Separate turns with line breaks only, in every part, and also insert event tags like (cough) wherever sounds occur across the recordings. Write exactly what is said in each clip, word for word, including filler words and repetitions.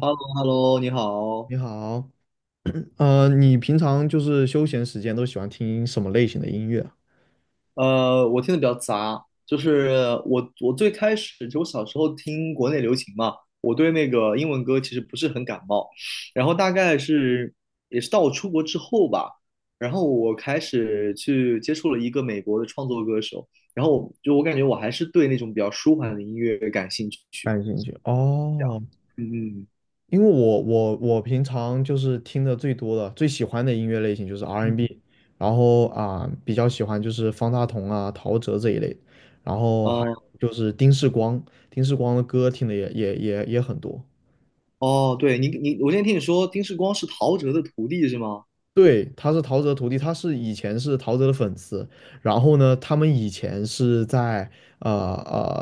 h e l l o h e l l o 你好。
你好。(clears throat) 呃，你平常就是休闲时间都喜欢听什么类型的音乐啊？
呃，我听的比较杂，就是我我最开始就我小时候听国内流行嘛，我对那个英文歌其实不是很感冒，然后大概是也是到我出国之后吧，然后我开始去接触了一个美国的创作歌手，然后我就我感觉我还是对那种比较舒缓的音乐感兴趣。
感兴趣哦，
嗯
因为我我我平常就是听的最多的、最喜欢的音乐类型就是
嗯，
R and B，
嗯，
n 然后啊、比较喜欢就是方大同啊、陶喆这一类，然后还
哦
有就是丁世光，丁世光的歌听的也也也也很多。
哦，对你你，我今天听你说丁世光是陶喆的徒弟是吗？
对，他是陶喆徒弟，他是以前是陶喆的粉丝，然后呢，他们以前是在呃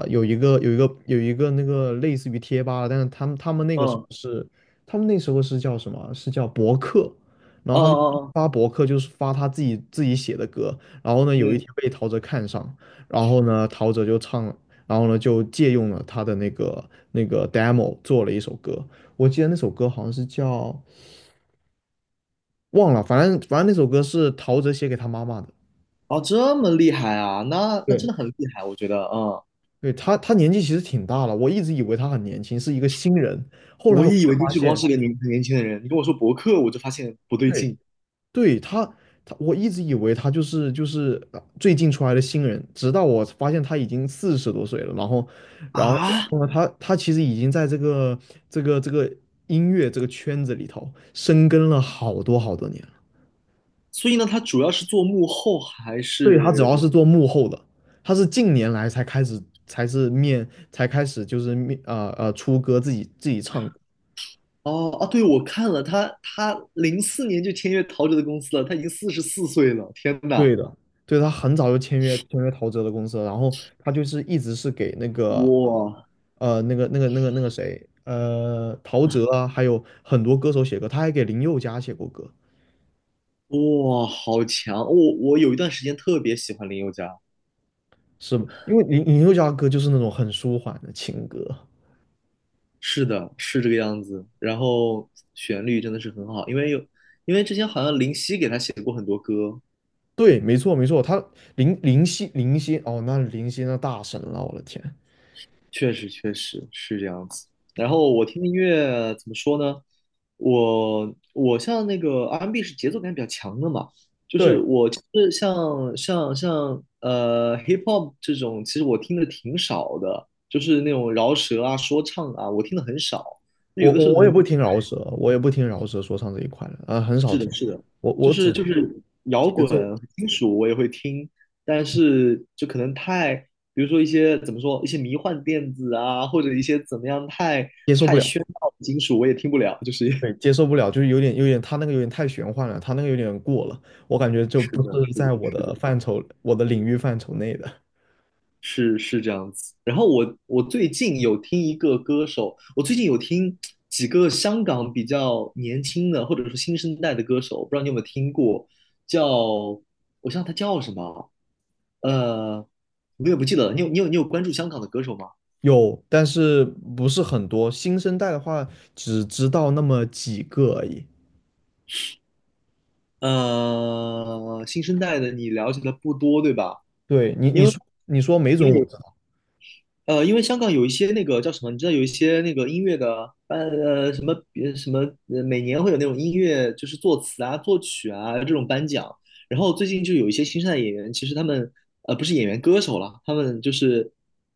呃有一个有一个有一个那个类似于贴吧，但是他们他们那
嗯，
个时候
哦
是他们那时候是叫什么？是叫博客，然
哦
后他就
哦，
发博客，就是发他自己自己写的歌，然后呢，有一
嗯。
天被陶喆看上，然后呢，陶喆就唱，然后呢就借用了他的那个那个 demo 做了一首歌，我记得那首歌好像是叫。忘了，反正反正那首歌是陶喆写给他妈妈的。
哦，这么厉害啊，那那真
对，
的很厉害，我觉得，嗯，
对，他，他年纪其实挺大了，我一直以为他很年轻，是一个新人。后来
我
我才
也以为丁
发
志光
现，
是个年很年轻的人，你跟我说博客，我就发现不对
对，
劲
对，他，他，我一直以为他就是就是呃最近出来的新人，直到我发现他已经四十多岁了。然后，然后，然
啊。
后呢，他他其实已经在这个这个这个音乐这个圈子里头深耕了好多好多年。
所以呢，他主要是做幕后还
对，他主
是？
要是做幕后的，他是近年来才开始，才是面，才开始就是面，呃呃，出歌自己自己唱歌
哦啊，对，我看了他，他零四年就签约陶喆的公司了，他已经四十四岁了，天呐，
对的，对，他很早就签约签约陶喆的公司了，然后他就是一直是给那个
哇
呃那个那个那个那个谁呃陶喆啊，还有很多歌手写歌，他还给林宥嘉写过歌，
哇，好强！我我有一段时间特别喜欢林宥嘉，
是吗？因为林林宥嘉的歌就是那种很舒缓的情歌。
是的，是这个样子。然后旋律真的是很好，因为有因为之前好像林夕给他写过很多歌，
对，没错没错，他林林夕林夕哦，那林夕那大神了，我的天。
确实确实是这样子。然后我听的音乐怎么说呢？我我像那个 R and B 是节奏感比较强的嘛，就是
对，
我其实像像像呃 hip hop 这种，其实我听的挺少的，就是那种饶舌啊、说唱啊，我听的很少。就
我
有的时
我
候可
我也
能
不听饶舌，我也不听饶舌说唱这一块的，呃，很少
是的，
听，
是的，
我
就
我只
是就
听
是摇
节
滚、
奏
金属我也会听，但是就可能太，比如说一些怎么说，一些迷幻电子啊，或者一些怎么样太
接受不
太
了，
喧闹的金属我也听不了，就是
对，接受不了，就是有点有点他那个有点太玄幻了，他那个有点过了，我感觉
(laughs)
就
是
不
的，
是
是的，
在我
是的，
的范畴，我的领域范畴内的。
是是这样子。然后我我最近有听一个歌手，我最近有听几个香港比较年轻的或者说新生代的歌手，不知道你有没有听过，叫我想他叫什么，呃，我也不记得了。你有你有你有关注香港的歌手吗？
有，但是不是很多。新生代的话，只知道那么几个而已。
呃，新生代的你了解的不多，对吧？
对你，
因
你
为
说你说没
因
准
为
我
有
知道。
呃，因为香港有一些那个叫什么，你知道有一些那个音乐的呃什么呃什么，呃每年会有那种音乐就是作词啊、作曲啊这种颁奖。然后最近就有一些新生代演员，其实他们呃不是演员歌手了，他们就是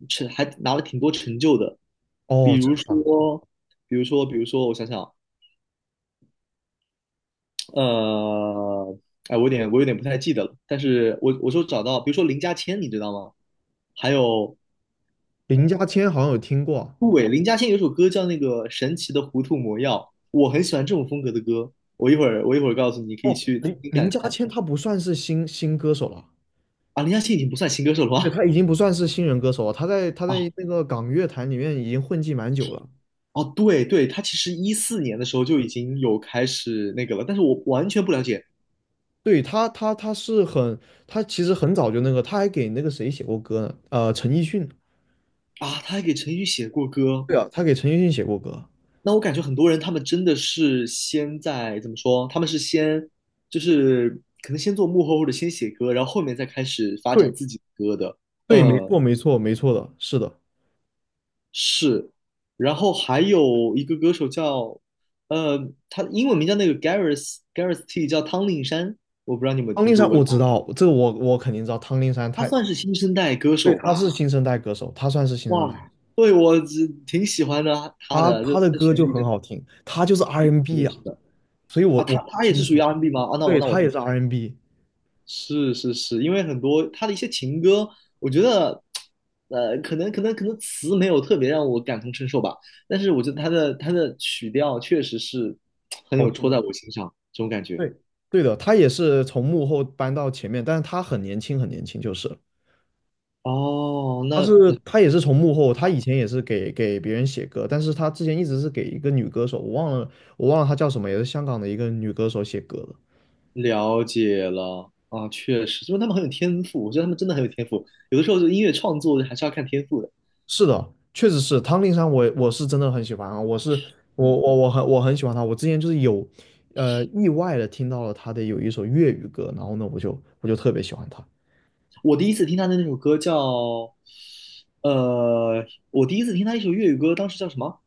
成还拿了挺多成就的，
哦，
比
真
如
的吗？
说比如说比如说我想想。呃，哎，我有点我有点不太记得了，但是我我说找到，比如说林家谦，你知道吗？还有
林家谦好像有听过啊。
杜伟，林家谦有首歌叫那个《神奇的糊涂魔药》，我很喜欢这种风格的歌。我一会儿我一会儿告诉你，你可以
哦，
去听
林
听看
林家
看
谦他不算是新新歌手了。
啊。林家谦已经不算新歌手了
对，
吧？
他已经不算是新人歌手了，他在他
(laughs) 啊
在那个港乐坛里面已经混迹蛮久了。
哦，对对，他其实一四年的时候就已经有开始那个了，但是我完全不了解
对，他，他他是很，他其实很早就那个，他还给那个谁写过歌呢？呃，陈奕迅。
啊。他还给陈奕迅写过歌，
对啊，他给陈奕迅写过歌。
那我感觉很多人他们真的是先在怎么说？他们是先就是可能先做幕后或者先写歌，然后后面再开始发展
对，
自己的歌的。
对，没
嗯，
错，没错，没错的，是的。
是。然后还有一个歌手叫呃，他英文名叫那个 Gareth Gareth T，叫汤令山，我不知道你有没有
汤
听
令
说
山
过
我
他，
知道，这个我我肯定知道。汤令山
他
太，
算是新生代歌
对，
手
他
吧。
是新生代歌手，他算是新生代，
哇，对我只挺喜欢的他
他
的，就
他的
这
歌
旋
就
律
很
真的，
好听，他就是
是
R and B n
的，
啊，
是的，
所以我
啊，
我
他
很
他也是
清
属于
楚，
R&B 吗？啊，那我
对，
那我
他也
听。
是 R and B n。
是是是，因为很多他的一些情歌，我觉得，呃，可能可能可能词没有特别让我感同身受吧，但是我觉得他的他的曲调确实是很
好
有
听
戳在
的。
我心上这种感觉。
对，对的，他也是从幕后搬到前面，但是他很年轻，很年轻，就是了
哦，
他
那
是
那
他也是从幕后，他以前也是给给别人写歌，但是他之前一直是给一个女歌手，我忘了我忘了她叫什么，也是香港的一个女歌手写歌的。
了解了啊，确实，因为他们很有天赋，我觉得他们真的很有天赋，有的时候就音乐创作还是要看天赋的。
是的，确实是汤令山我，我是真的很喜欢啊，我是我
嗯。
我我很我很喜欢他，我之前就是有呃意外的听到了他的有一首粤语歌，然后呢我就我就特别喜欢他。
我第一次听他的那首歌叫，呃，我第一次听他一首粤语歌，当时叫什么？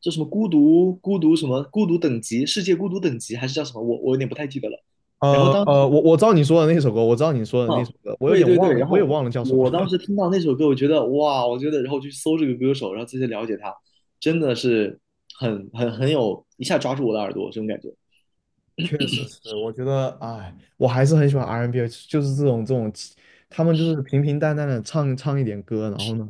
叫什么孤独孤独什么孤独等级世界孤独等级还是叫什么？我我有点不太记得了。
呃
然后当
呃，
时
我我知道你说的那首歌，我知道你说的那
啊，
首歌，我有
对
点
对
忘
对，
了，
然
我也
后
忘了叫什么
我当
了。
时听到那首歌，我觉得哇，我觉得，然后就去搜这个歌手，然后再去了解他，真的是很很很有一下抓住我的耳朵这种感觉。
确实是，我觉得，哎，我还是很喜欢 R and B，n 就是这种这种，他们就是平平淡淡的唱唱一点歌，然后呢，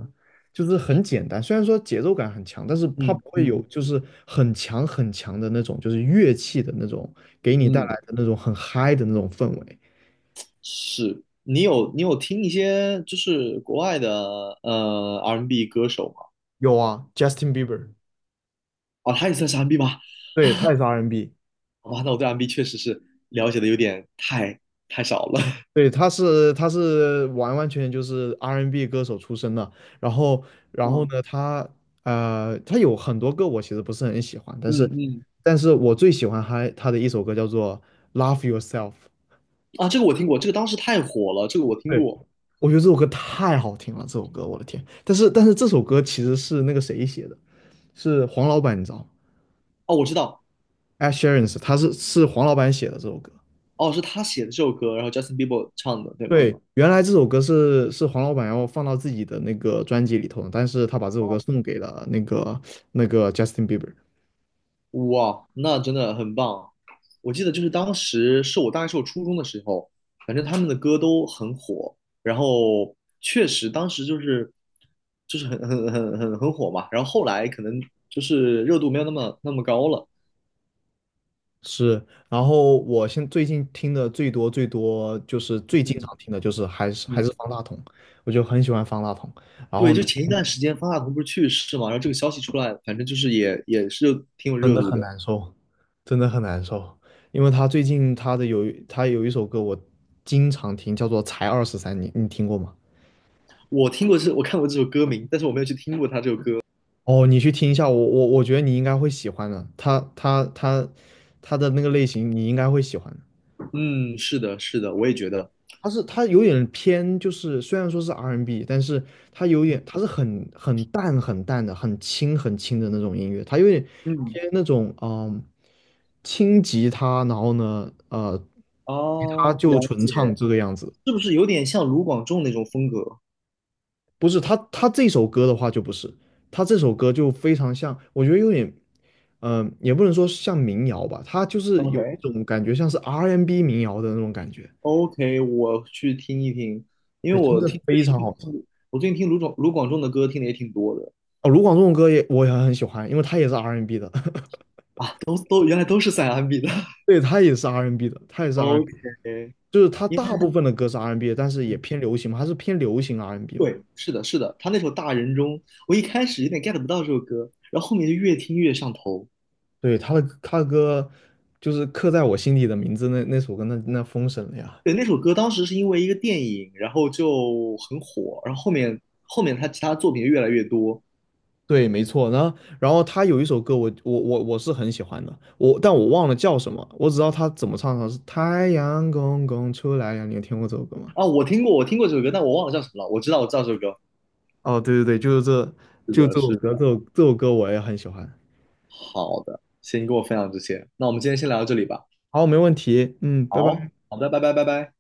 就是很简单，虽然说节奏感很强，但是它
嗯
不会有
嗯
就是很强很强的那种，就是乐器的那种给你带
嗯，
来的那种很嗨的那种氛围。
是你有你有听一些就是国外的呃 R and B n 歌手吗？
有啊，Justin Bieber，
哦，他也算是 M B 吗？
对，他也是 R and B n。
好吧，那我对 M B 确实是了解的有点太太少了。(laughs)
对，他是他是完完全全就是 R and B n 歌手出身的，然后然后
啊，
呢，他呃他有很多歌我其实不是很喜欢，但
嗯
是
嗯，
但是我最喜欢他他的一首歌叫做《Love Yourself》，
啊，这个我听过，这个当时太火了，这个我听
对，
过。
我觉得这首歌太好听了，这首歌我的天！但是但是这首歌其实是那个谁写的，是黄老板，你知道吗
哦，我知道，
？Ed s h e r a n 是他是是黄老板写的这首歌，
哦，是他写的这首歌，然后 Justin Bieber 唱的，对吗？
对，原来这首歌是是黄老板要放到自己的那个专辑里头的但是他把这首歌送给了那个那个 Justin Bieber。
哇，那真的很棒。我记得就是当时是我大概是我初中的时候，反正他们的歌都很火，然后确实当时就是就是很很很很很火嘛，然后后来可能就是热度没有那么那么高了。
是，然后我现最近听的最多最多就是最经
嗯
常听的就是还是还是
嗯。
方大同，我就很喜欢方大同。然后
对，
呢，
就前一段时间方大同不是去世嘛，然后这个消息出来，反正就是也也是挺有热度的。
真的很难受，因为他最近他的有一他有一首歌我经常听，叫做《才二十三》，你你听过吗？
我听过这，我看过这首歌名，但是我没有去听过他这首歌。
哦，你去听一下，我我我觉得你应该会喜欢的，他他他他的那个类型你应该会喜欢的
嗯，是的，是的，我也觉得，
他是他有点偏，就是虽然说是 R and B，n 但是他有点他是很很淡很淡的，很轻很轻的那种音乐，他有点
嗯，
偏那种嗯轻吉他，然后呢呃吉他
哦，
就
了
纯
解，
唱这个样子。
是不是有点像卢广仲那种风格
不是他他这首歌的话就不是，他这首歌就非常像，我觉得有点，嗯、也不能说像民谣吧，他就是有一
？OK
种感觉像是 R and B n 民谣的那种感觉，
OK，我去听一听，因
对，
为
真
我
的
听最
非常
近
好听。
听我最近听卢广卢广仲的歌听的也挺多的，
哦，卢广仲的歌也我也很喜欢，因为他也是 R and B n 的，(laughs)
都都原来都是三安比的。(laughs)
对，他也是 R and B n 的，他也是 R and B，n
OK，
就是他
因为。
大部分的歌是 R and B，n 但是也偏流行嘛，他是偏流行 R and B n 嘛，
对，是的，是的，他那首《大人中》，我一开始有点 get 不到这首歌，然后后面就越听越上头。
对，他的他的歌就是刻在我心底的名字那那首歌那那封神了呀。
对，那首歌当时是因为一个电影，然后就很火，然后后面后面他其他作品越来越多
对，没错。然后，然后他有一首歌我，我我我是很喜欢的，我但我忘了叫什么，我只知道他怎么唱的，是太阳公公出来呀。你有听过这首歌吗？
啊。我听过，我听过这首歌，但我忘了叫什么了。我知道，我知道这首歌。
哦，对对对，就是这，
是
就
的，
这首
是
歌，
的，
这首这首歌我也很喜欢。
好的，先跟我分享这些，那我们今天先聊到这里吧。
好，没问题。嗯，拜拜。
好，好的，拜拜，拜拜。